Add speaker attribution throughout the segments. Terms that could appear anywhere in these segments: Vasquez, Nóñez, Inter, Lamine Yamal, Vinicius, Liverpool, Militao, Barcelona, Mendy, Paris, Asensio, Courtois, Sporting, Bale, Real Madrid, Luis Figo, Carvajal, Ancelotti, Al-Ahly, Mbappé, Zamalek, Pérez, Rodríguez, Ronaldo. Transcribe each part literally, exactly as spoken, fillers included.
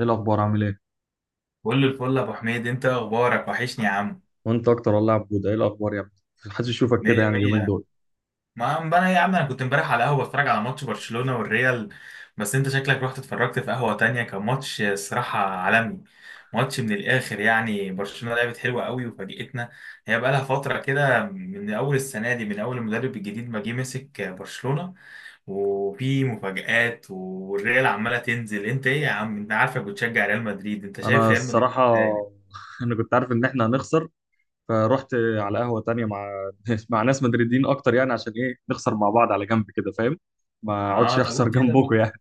Speaker 1: ايه الاخبار عامل ايه؟
Speaker 2: كل الفل يا ابو حميد، انت اخبارك وحشني يا عم.
Speaker 1: وانت اكتر والله يا عبود، ايه الاخبار يا ابني؟ محدش يشوفك كده
Speaker 2: مية
Speaker 1: يعني اليومين
Speaker 2: مية.
Speaker 1: دول.
Speaker 2: ما عم انا يا عم، انا كنت امبارح على قهوه بتفرج على ماتش برشلونه والريال. بس انت شكلك رحت اتفرجت في قهوه تانية. كان ماتش الصراحه عالمي، ماتش من الاخر. يعني برشلونه لعبت حلوه قوي وفاجئتنا، هي بقى لها فتره كده من اول السنه دي، من اول المدرب الجديد ما جه مسك برشلونه وفي مفاجآت. والريال عماله تنزل. انت ايه يا عم، انت عارفك بتشجع ريال مدريد، انت شايف
Speaker 1: انا
Speaker 2: ريال مدريد
Speaker 1: الصراحه
Speaker 2: ازاي؟
Speaker 1: انا كنت عارف ان احنا هنخسر. فرحت على قهوه تانية مع مع ناس مدريدين اكتر، يعني عشان ايه نخسر مع بعض؟ على جنب كده، فاهم؟ ما اقعدش
Speaker 2: اه طب
Speaker 1: اخسر
Speaker 2: قول كده بقى.
Speaker 1: جنبكم يعني.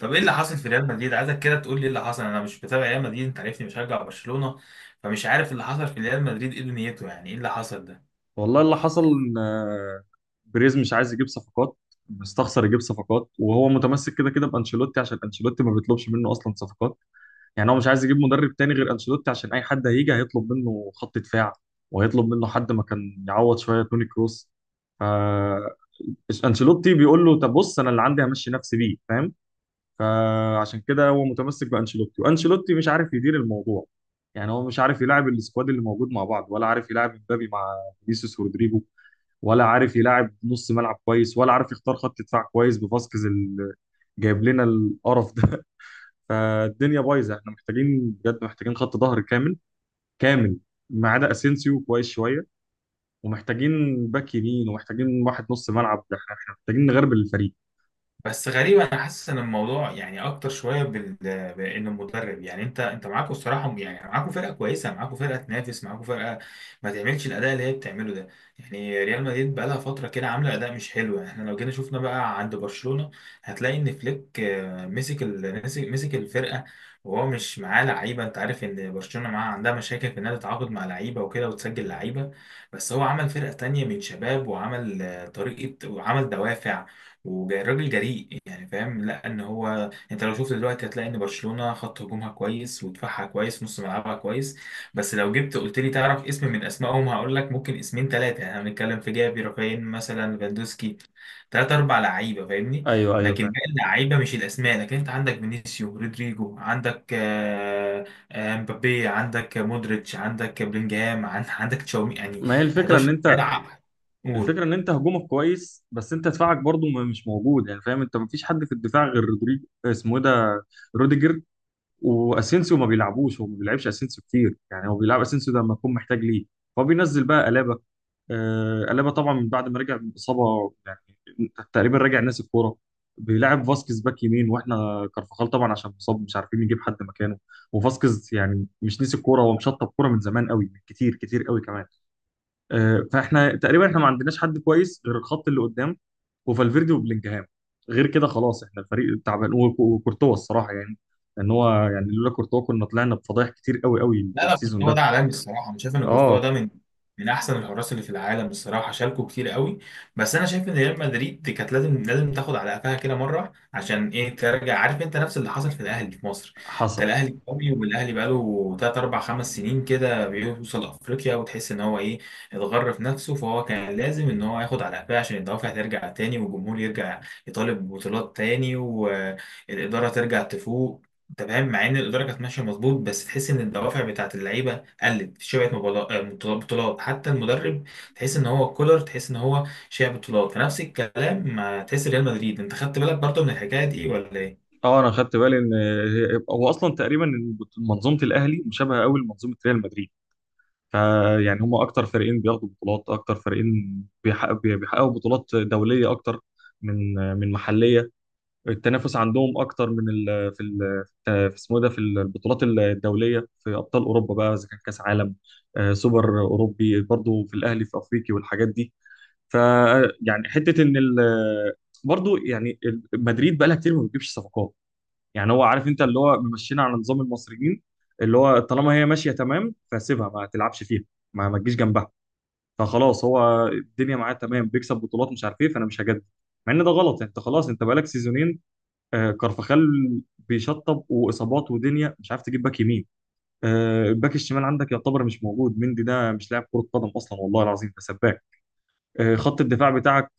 Speaker 2: طب ايه اللي حصل في ريال مدريد؟ عايزك كده تقول لي ايه اللي حصل. انا مش بتابع ريال مدريد، انت عارفني بشجع برشلونة، فمش عارف اللي حصل في ريال مدريد ايه دنيته. يعني ايه اللي حصل ده؟
Speaker 1: والله اللي حصل ان آه، بريز مش عايز يجيب صفقات. مستخسر يجيب صفقات، وهو متمسك كده كده بانشيلوتي عشان انشيلوتي ما بيطلبش منه اصلا صفقات. يعني هو مش عايز يجيب مدرب تاني غير انشيلوتي، عشان اي حد هيجي هيطلب منه خط دفاع، وهيطلب منه حد ما كان يعوض شويه توني كروس. ف انشيلوتي بيقول له طب بص انا اللي عندي همشي نفسي بيه، فاهم؟ فعشان كده هو متمسك بانشيلوتي، وانشيلوتي مش عارف يدير الموضوع. يعني هو مش عارف يلاعب السكواد اللي موجود مع بعض، ولا عارف يلاعب مبابي مع فينيسيوس رودريجو، ولا عارف يلاعب نص ملعب كويس، ولا عارف يختار خط دفاع كويس بفاسكيز اللي جايب لنا القرف ده. فالدنيا بايظه، احنا محتاجين بجد، محتاجين خط ظهر كامل كامل، ما عدا اسينسيو كويس شويه، ومحتاجين باك يمين، ومحتاجين واحد نص ملعب. ده احنا احنا محتاجين نغربل الفريق.
Speaker 2: بس غريب، انا حاسس ان الموضوع يعني اكتر شويه بال... بان المدرب. يعني انت انت معاكوا الصراحه، يعني معاكوا فرقه كويسه، معاكوا فرقه تنافس، معاكوا فرقه ما تعملش الاداء اللي هي بتعمله ده. يعني ريال مدريد بقى لها فتره كده عامله اداء مش حلو. يعني احنا لو جينا شفنا بقى عند برشلونه، هتلاقي ان فليك آه، مسك ال... مسك مسك الفرقه، وهو مش معاه لعيبه. انت عارف ان برشلونه معاها عندها مشاكل في انها تتعاقد مع لعيبه وكده وتسجل لعيبه، بس هو عمل فرقه تانية من شباب، وعمل آه، طريقه، وعمل دوافع. وراجل جريء، يعني فاهم؟ لا، ان هو انت لو شفت دلوقتي، هتلاقي ان برشلونه خط هجومها كويس ودفاعها كويس نص ملعبها كويس. بس لو جبت قلت لي تعرف اسم من اسمائهم، هقول لك ممكن اسمين ثلاثه. يعني احنا بنتكلم في جافي، رافين مثلا، فاندوسكي، ثلاث اربع لعيبه، فاهمني؟
Speaker 1: ايوه ايوه
Speaker 2: لكن
Speaker 1: فاهم.
Speaker 2: باقي اللعيبه مش الاسماء. لكن انت عندك فينيسيو، رودريجو، عندك آه، آه، مبابي، عندك مودريتش، عندك بلينجهام، عن- عندك تشاومي، يعني
Speaker 1: ما هي الفكره ان
Speaker 2: حداشر
Speaker 1: انت،
Speaker 2: ملعب. قول.
Speaker 1: الفكره ان انت هجومك كويس، بس انت دفاعك برضو ما- مش موجود يعني، فاهم؟ انت ما فيش حد في الدفاع غير رودريجو اسمه ايه ده، روديجر. واسينسيو ما بيلعبوش، هو ما بيلعبش اسينسيو كتير يعني هو بيلعب اسينسيو ده لما يكون محتاج ليه. هو بينزل بقى قلابه، آه، قلبها طبعا من بعد ما رجع من اصابه يعني، تقريبا راجع ناسي الكوره. بيلعب فاسكيز باك يمين، واحنا كارفاخال طبعا عشان مصاب مش عارفين نجيب حد مكانه. وفاسكيز يعني مش نسي الكوره، هو مشطب كوره من زمان قوي، من كتير كتير قوي كمان. آه، فاحنا تقريبا احنا ما عندناش حد كويس غير الخط اللي قدام، وفالفيردي وبلينجهام. غير كده خلاص احنا الفريق تعبان، وك- وكورتوا الصراحه يعني، ان هو يعني لولا كورتوا كنا طلعنا بفضايح كتير قوي قوي
Speaker 2: لا لا،
Speaker 1: السيزون
Speaker 2: كورتوا
Speaker 1: ده.
Speaker 2: ده عالمي الصراحه. انا شايف ان كورتوا
Speaker 1: اه
Speaker 2: ده من من احسن الحراس اللي في العالم الصراحه، شاركوا كتير قوي. بس انا شايف ان ريال مدريد كانت لازم لازم تاخد على قفاها كده مره، عشان ايه ترجع. عارف، انت نفس اللي حصل في الاهلي في مصر، انت
Speaker 1: حصل.
Speaker 2: الاهلي قوي، والاهلي بقاله ثلاث اربع خمس سنين كده بيوصل افريقيا، وتحس ان هو ايه، اتغر في نفسه، فهو كان لازم ان هو ياخد على قفاه، عشان الدوافع ترجع تاني، والجمهور يرجع يطالب ببطولات تاني، والاداره ترجع تفوق. انت فاهم؟ مع ان الاداره كانت ماشيه مظبوط، بس تحس ان الدوافع بتاعت اللعيبه قلت، في شبعت مبالا- آه، بطولات، حتى المدرب تحس ان هو كولر، تحس ان هو شبع بطولات، فنفس الكلام. مع تحس ريال مدريد، انت خدت بالك برضه من الحكايه دي ولا ايه؟
Speaker 1: اه انا خدت بالي ان هي- هو اصلا تقريبا إن منظومه الاهلي مشابهه قوي لمنظومه ريال مدريد. فيعني هم اكتر فريقين بياخدوا بطولات، اكتر فريقين بيحقق- بي- بيحققوا بطولات دوليه اكتر من من محليه. التنافس عندهم اكتر من ال في ال في اسمه إيه ده، في البطولات الدوليه، في ابطال اوروبا بقى، اذا كان كاس عالم، آه، سوبر اوروبي، برضو في الاهلي في افريقي والحاجات دي. ف يعني حته ان ال برضو يعني ال- مدريد بقى لها كتير ما بتجيبش صفقات. يعني هو عارف انت اللي هو ممشينا على نظام المصريين، اللي هو طالما هي ماشيه تمام فسيبها ما تلعبش فيها، ما ما تجيش جنبها. فخلاص هو الدنيا معاه تمام، بيكسب بطولات مش عارف ايه، فانا مش هجدد، مع ان ده غلط يعني. انت خلاص انت بقالك سيزونين، آه كارفخال بيشطب واصابات، ودنيا مش عارف تجيب باك يمين، آه الباك الشمال عندك يعتبر مش موجود، مندي ده مش لاعب كره قدم اصلا والله العظيم، ده سباك. آه خط الدفاع بتاعك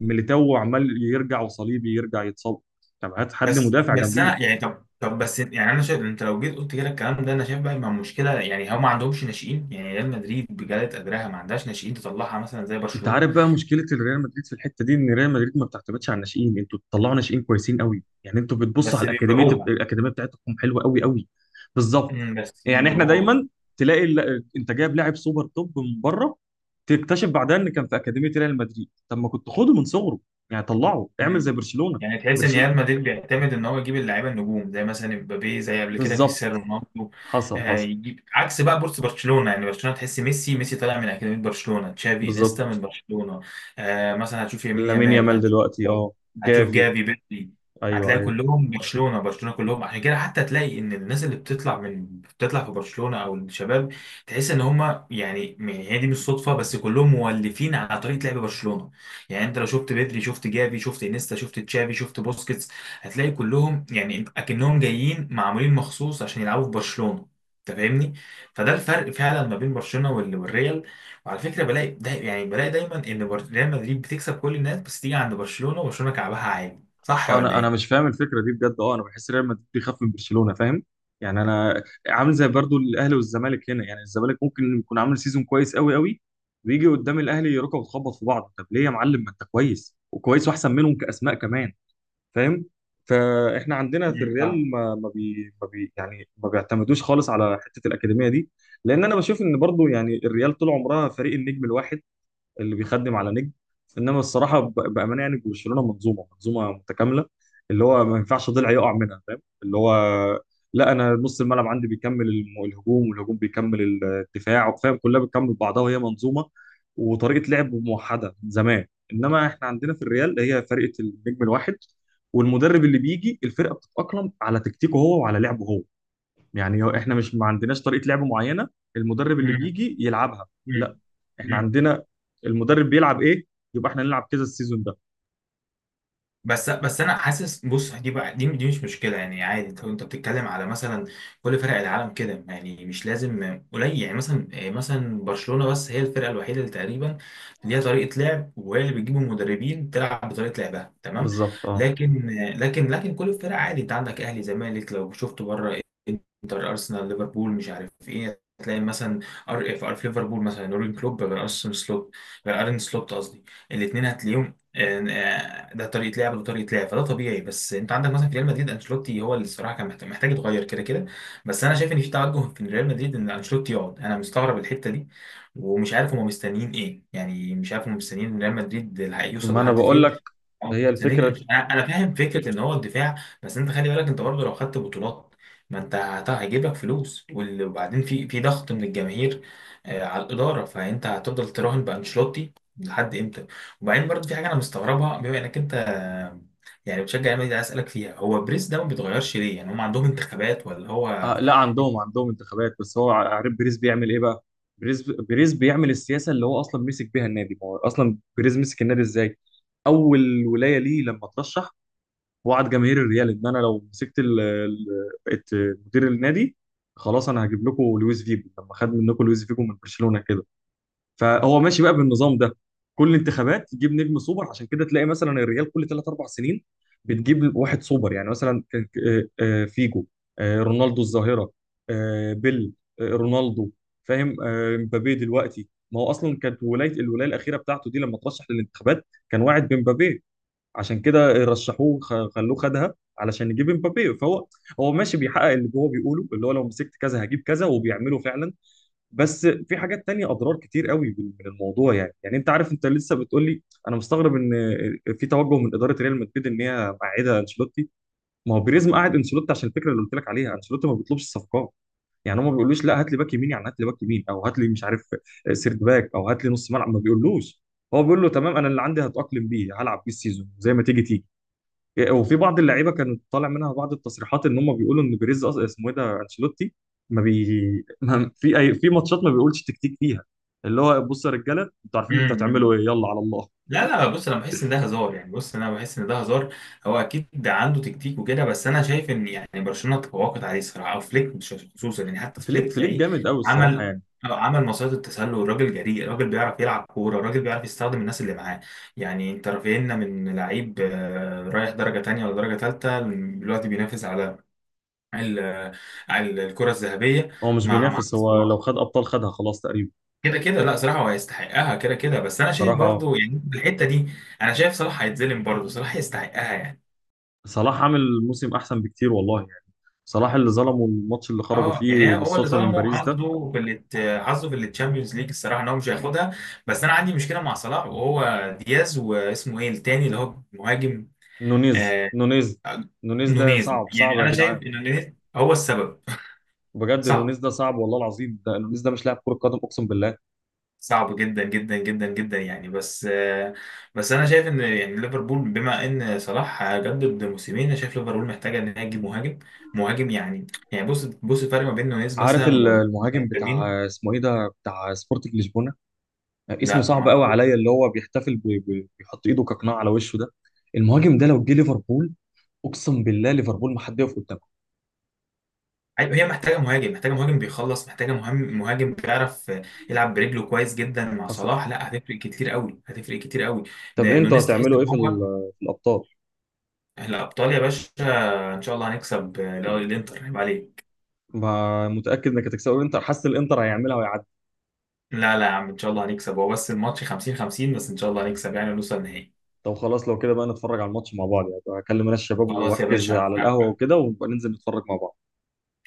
Speaker 1: ميليتاو عمال يرجع، وصليبي يرجع يتصاب. طب هات حد
Speaker 2: بس
Speaker 1: مدافع
Speaker 2: بس
Speaker 1: جنبيه.
Speaker 2: انا يعني طب طب بس يعني انا شايف، انت لو جيت قلت كده الكلام ده، انا شايف بقى مع مشكله، يعني هم ما عندهمش ناشئين. يعني ريال مدريد بجلاله قدرها ما عندهاش ناشئين تطلعها مثلا زي
Speaker 1: انت
Speaker 2: برشلونه.
Speaker 1: عارف بقى مشكله الريال مدريد في الحته دي، ان ريال مدريد ما بتعتمدش على الناشئين. انتوا بتطلعوا ناشئين كويسين قوي، يعني انتوا بتبصوا على
Speaker 2: بس
Speaker 1: الاكاديميه،
Speaker 2: بيبيعوها.
Speaker 1: الاكاديميه بتاعتكم حلوه قوي قوي. بالظبط.
Speaker 2: امم، بس
Speaker 1: يعني احنا
Speaker 2: بيبيعوها.
Speaker 1: دايما تلاقي ال- انت جايب لاعب سوبر توب من بره، تكتشف بعدها ان كان في اكاديميه ريال مدريد، طب ما كنت خده من صغره، يعني طلعه اعمل زي برشلونه.
Speaker 2: يعني تحس ان
Speaker 1: برشل
Speaker 2: ريال مدريد بيعتمد ان هو يجيب اللعيبه النجوم، زي مثلا امبابي، زي قبل كده
Speaker 1: بالظبط.
Speaker 2: كريستيانو رونالدو.
Speaker 1: حصل
Speaker 2: آه،
Speaker 1: حصل.
Speaker 2: يجيب عكس بقى بورس برشلونه. يعني برشلونه تحس ميسي ميسي طالع من اكاديميه برشلونه، تشافي انيستا من
Speaker 1: بالظبط.
Speaker 2: برشلونه. آه، مثلا هتشوف يمين
Speaker 1: لامين
Speaker 2: يامال،
Speaker 1: يامال
Speaker 2: هت-
Speaker 1: دلوقتي، اه
Speaker 2: هتشوف
Speaker 1: جافي.
Speaker 2: جافي بيدري.
Speaker 1: ايوه
Speaker 2: هتلاقي
Speaker 1: ايوه.
Speaker 2: كلهم برشلونه برشلونه كلهم، عشان كده حتى تلاقي ان الناس اللي بتطلع من بتطلع في برشلونه او الشباب، تحس ان هم يعني هي دي مش صدفه، بس كلهم مولفين على طريقه لعب برشلونه. يعني انت لو شفت بدري، شفت جافي، شفت انيستا، شفت تشافي، شفت بوسكيتس، هتلاقي كلهم يعني اكنهم جايين معمولين مخصوص عشان يلعبوا في برشلونة. انت فاهمني؟ فده الفرق فعلا ما بين برشلونة وال- والريال. وعلى فكرة، بلاقي ده يعني بلاقي دايما ان بر- ريال مدريد بتكسب كل الناس، بس تيجي عند برشلونة وبرشلونة كعبها عالي، صح
Speaker 1: آه،
Speaker 2: ولا
Speaker 1: انا انا
Speaker 2: ايه؟
Speaker 1: مش فاهم الفكره دي بجد، اه انا بحس ريال مدريد بيخاف من برشلونه، فاهم؟ يعني انا عامل زي برضو الاهلي والزمالك هنا، يعني الزمالك ممكن يكون عامل سيزون كويس قوي قوي، ويجي قدام الاهلي يركب وتخبط في بعض. طب ليه يا معلم؟ ما انت كويس وكويس واحسن منهم كاسماء كمان، فاهم؟ فاحنا عندنا في
Speaker 2: امم فاهم.
Speaker 1: الريال ما ما بي ما بي يعني ما بيعتمدوش خالص على حته الاكاديميه دي، لان انا بشوف ان برضو يعني الريال طول عمرها فريق النجم الواحد اللي بيخدم على نجم. انما الصراحه ب- بامانه يعني برشلونه منظومه منظومه متكامله، اللي هو ما ينفعش ضلع يقع منها، فاهم؟ اللي هو لا، انا نص الملعب عندي بيكمل الم- الهجوم، والهجوم بيكمل الدفاع، فاهم؟ كلها بتكمل بعضها وهي منظومه وطريقه لعب موحده من زمان. انما احنا عندنا في الريال هي فرقه النجم الواحد، والمدرب اللي بيجي الفرقه بتتاقلم على تكتيكه هو وعلى لعبه هو. يعني هو احنا مش ما عندناش طريقه لعب معينه، المدرب اللي
Speaker 2: امم
Speaker 1: بيجي يلعبها. لا احنا
Speaker 2: امم
Speaker 1: عندنا المدرب بيلعب ايه، يبقى احنا نلعب كذا السيزون ده.
Speaker 2: بس بس انا حاسس، بص دي بقى، دي, دي مش مشكله، يعني عادي. انت انت بتتكلم على مثلا كل فرق العالم كده، يعني مش لازم قليل، يعني مثلا آه، مثلا برشلونه بس هي الفرقه الوحيده اللي تقريبا ليها طريقه لعب، وهي اللي بتجيب المدربين تلعب بطريقه لعبها، تمام.
Speaker 1: بالظبط اه.
Speaker 2: لكن لكن لكن كل الفرق عادي، انت عندك اهلي، زمالك، لو شفت بره، انتر، ارسنال، ليفربول، مش عارف ايه، تلاقي مثلا ار في ار في ليفربول مثلا يورجن كلوب غير ارسن سلوت، غير ارن سلوت قصدي، الاثنين هتلاقيهم آه، ده طريقه لعب وده طريقه لعب، فده طبيعي. بس انت عندك مثلا في ريال مدريد، انشيلوتي هو اللي الصراحه كان محت- محتاج يتغير كده كده. بس انا شايف ان في توجه في ريال مدريد ان انشيلوتي يقعد، انا مستغرب الحته دي. ومش عارف هم مستنيين ايه، يعني مش عارف هم مستنيين ان ريال، مستنيين ريال مدريد الحق يوصل
Speaker 1: ما انا
Speaker 2: لحد
Speaker 1: بقول
Speaker 2: فين،
Speaker 1: لك،
Speaker 2: أو
Speaker 1: هي الفكره.
Speaker 2: مستنيين أنش- انا. أنا فاهم فكره ان هو الدفاع. بس انت خلي بالك، انت برضه لو خدت بطولات، ما انت هت- هيجيب لك فلوس، وال- وبعدين في في ضغط من الجماهير آه، على الاداره، فانت هتفضل تراهن بانشيلوتي لحد امتى؟ وبعدين برضه في حاجه انا مستغربها، بما انك انت يعني بتشجع النادي، عايز اسالك فيها، هو بريس ده ما بيتغيرش ليه؟ يعني هم عندهم انتخابات ولا هو...
Speaker 1: آه لا، عندهم عندهم انتخابات، بس هو عارف بيريز بيعمل ايه بقى. بيريز بيريز بيعمل السياسه اللي هو اصلا مسك بيها النادي. ما هو اصلا بيريز مسك النادي ازاي؟ اول ولايه ليه لما ترشح وعد جماهير الريال ان انا لو مسكت ال- ال- بقيت مدير النادي، خلاص انا هجيب لكم لويس فيجو، لما خد منكم لويس فيجو من برشلونه كده. فهو ماشي بقى بالنظام ده، كل انتخابات يجيب نجم سوبر، عشان كده تلاقي مثلا الريال كل ثلاث اربع سنين بتجيب واحد سوبر. يعني مثلا كان آه، آه، فيجو، آه، رونالدو الظاهره، آه، بيل، آه، رونالدو، فاهم؟ آه، مبابي دلوقتي، ما هو اصلا كانت ولايه، الولايه الاخيره بتاعته دي لما ترشح للانتخابات كان واعد بمبابي، عشان كده رشحوه خ- خلوه خدها علشان يجيب امبابي. فهو هو ماشي بيحقق اللي هو بيقوله، اللي هو لو مسكت كذا هجيب كذا، وبيعمله فعلا. بس في حاجات تانية اضرار كتير قوي من من الموضوع يعني. يعني انت عارف انت لسه بتقول لي انا مستغرب ان في توجه من اداره ريال مدريد ان هي معيده انشيلوتي. ما هو بيريز قاعد انشيلوتي عشان الفكره اللي قلت لك عليها، انشيلوتي ما بيطلبش الصفقات. يعني هم ما بيقولوش لا هات لي باك يمين، يعني هات لي باك يمين او هات لي مش عارف سيرد باك او هات لي نص ملعب، ما بيقولوش. هو بيقول له تمام، انا اللي عندي هتاقلم بيه هلعب بيه السيزون زي ما تيجي تيجي. وفي بعض اللعيبه كانت طالع منها بعض التصريحات ان هم بيقولوا ان بيريز أص- اسمه ايه ده انشيلوتي، ما بي ما في اي في ماتشات ما بيقولش تكتيك فيها، اللي هو بصوا يا رجاله انتوا عارفين انتوا
Speaker 2: امم
Speaker 1: هتعملوا ايه، يلا على الله.
Speaker 2: لا لا، بص انا بحس ان ده هزار، يعني بص انا بحس ان ده هزار. هو اكيد ده عنده تكتيك وكده، بس انا شايف ان يعني برشلونه تفوقت عليه الصراحه، او فليك مش خصوصا، يعني حتى
Speaker 1: فليك
Speaker 2: فليك
Speaker 1: فليك
Speaker 2: تلاقيه
Speaker 1: جامد قوي الصراحه
Speaker 2: عمل،
Speaker 1: يعني.
Speaker 2: أو عمل مصيدة التسلل. الراجل جريء، الراجل بيعرف يلعب كوره، الراجل بيعرف يستخدم الناس اللي معاه. يعني انت رافعنا من لعيب، آه، رايح درجه تانية ولا درجه تالتة. دلوقتي بينافس على ال- ال- الكرة الذهبية،
Speaker 1: هو مش
Speaker 2: مع مع
Speaker 1: بينافس، هو لو
Speaker 2: صلاح.
Speaker 1: خد ابطال خدها خلاص تقريبا.
Speaker 2: كده كده لا، صراحة هو هيستحقها كده كده، بس أنا شايف
Speaker 1: صراحه
Speaker 2: برضو يعني الحتة دي، أنا شايف صلاح هيتظلم، برضو صلاح يستحقها يعني.
Speaker 1: صلاح عامل موسم احسن بكتير والله يعني. صلاح اللي ظلمه الماتش اللي خرجوا
Speaker 2: اه،
Speaker 1: فيه
Speaker 2: يعني هو اللي
Speaker 1: بالصدفه من
Speaker 2: ظلمه
Speaker 1: باريس ده.
Speaker 2: حظه في الات- حظه في التشامبيونز ليج، الصراحه ان هو مش هياخدها. بس انا عندي مشكله مع صلاح وهو دياز، واسمه ايه التاني اللي هو مهاجم؟
Speaker 1: نونيز
Speaker 2: آه.
Speaker 1: نونيز
Speaker 2: آه،
Speaker 1: نونيز ده
Speaker 2: نونيز،
Speaker 1: صعب صعب
Speaker 2: يعني
Speaker 1: يا
Speaker 2: انا شايف
Speaker 1: جدعان،
Speaker 2: ان نونيز هو السبب.
Speaker 1: بجد
Speaker 2: صح.
Speaker 1: نونيز ده صعب والله العظيم، ده نونيز ده مش لاعب كره قدم اقسم بالله.
Speaker 2: صعب جدا جدا جدا جدا، يعني بس بس انا شايف ان يعني ليفربول بما ان صلاح جدد موسمين، انا شايف ليفربول محتاجه ان هي تجيب مهاجم. مهاجم، يعني يعني بص بص الفرق ما بين نونيز
Speaker 1: عارف
Speaker 2: مثلا
Speaker 1: ال-
Speaker 2: وما بين
Speaker 1: المهاجم
Speaker 2: فيرمينو.
Speaker 1: بتاع اسمه ايه ده بتاع سبورتنج لشبونه، اسمه
Speaker 2: لا،
Speaker 1: صعب قوي
Speaker 2: معقول.
Speaker 1: عليا، اللي هو بيحتفل ب- ب- بيحط ايده كقناع على وشه ده، المهاجم ده لو جه ليفربول اقسم بالله ليفربول ما حد يقف قدامه.
Speaker 2: أيوة، هي محتاجه مهاجم، محتاجه مهاجم بيخلص، محتاجه مهم مهاجم بيعرف يلعب برجله كويس جدا، مع
Speaker 1: حصل.
Speaker 2: صلاح لا هتفرق كتير قوي، هتفرق كتير قوي.
Speaker 1: طب انتوا
Speaker 2: نونيز تحس
Speaker 1: هتعملوا
Speaker 2: ان
Speaker 1: ايه في ال-
Speaker 2: هو...
Speaker 1: في الابطال؟
Speaker 2: الابطال يا باشا. ان شاء الله هنكسب الانتر، عيب عليك.
Speaker 1: ما متاكد انك هتكسبوا الانتر، حاسس الانتر هيعملها ويعدي.
Speaker 2: لا لا يا عم، ان شاء الله هنكسب. هو بس الماتش خمسين خمسين، بس ان شاء الله هنكسب يعني ونوصل النهائي.
Speaker 1: طب خلاص لو كده بقى نتفرج على الماتش مع بعض يعني، هكلم انا الشباب
Speaker 2: خلاص يا
Speaker 1: واحجز
Speaker 2: باشا.
Speaker 1: على القهوه وكده، ونبقى ننزل نتفرج مع بعض.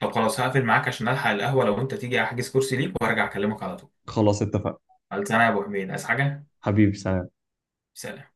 Speaker 2: طب خلاص هقفل معاك عشان الحق القهوة، لو انت تيجي احجز كرسي ليك وارجع اكلمك على طول.
Speaker 1: خلاص اتفقنا.
Speaker 2: خلصانه يا ابو حميد. عايز حاجة؟
Speaker 1: حبيبي سلام.
Speaker 2: سلام.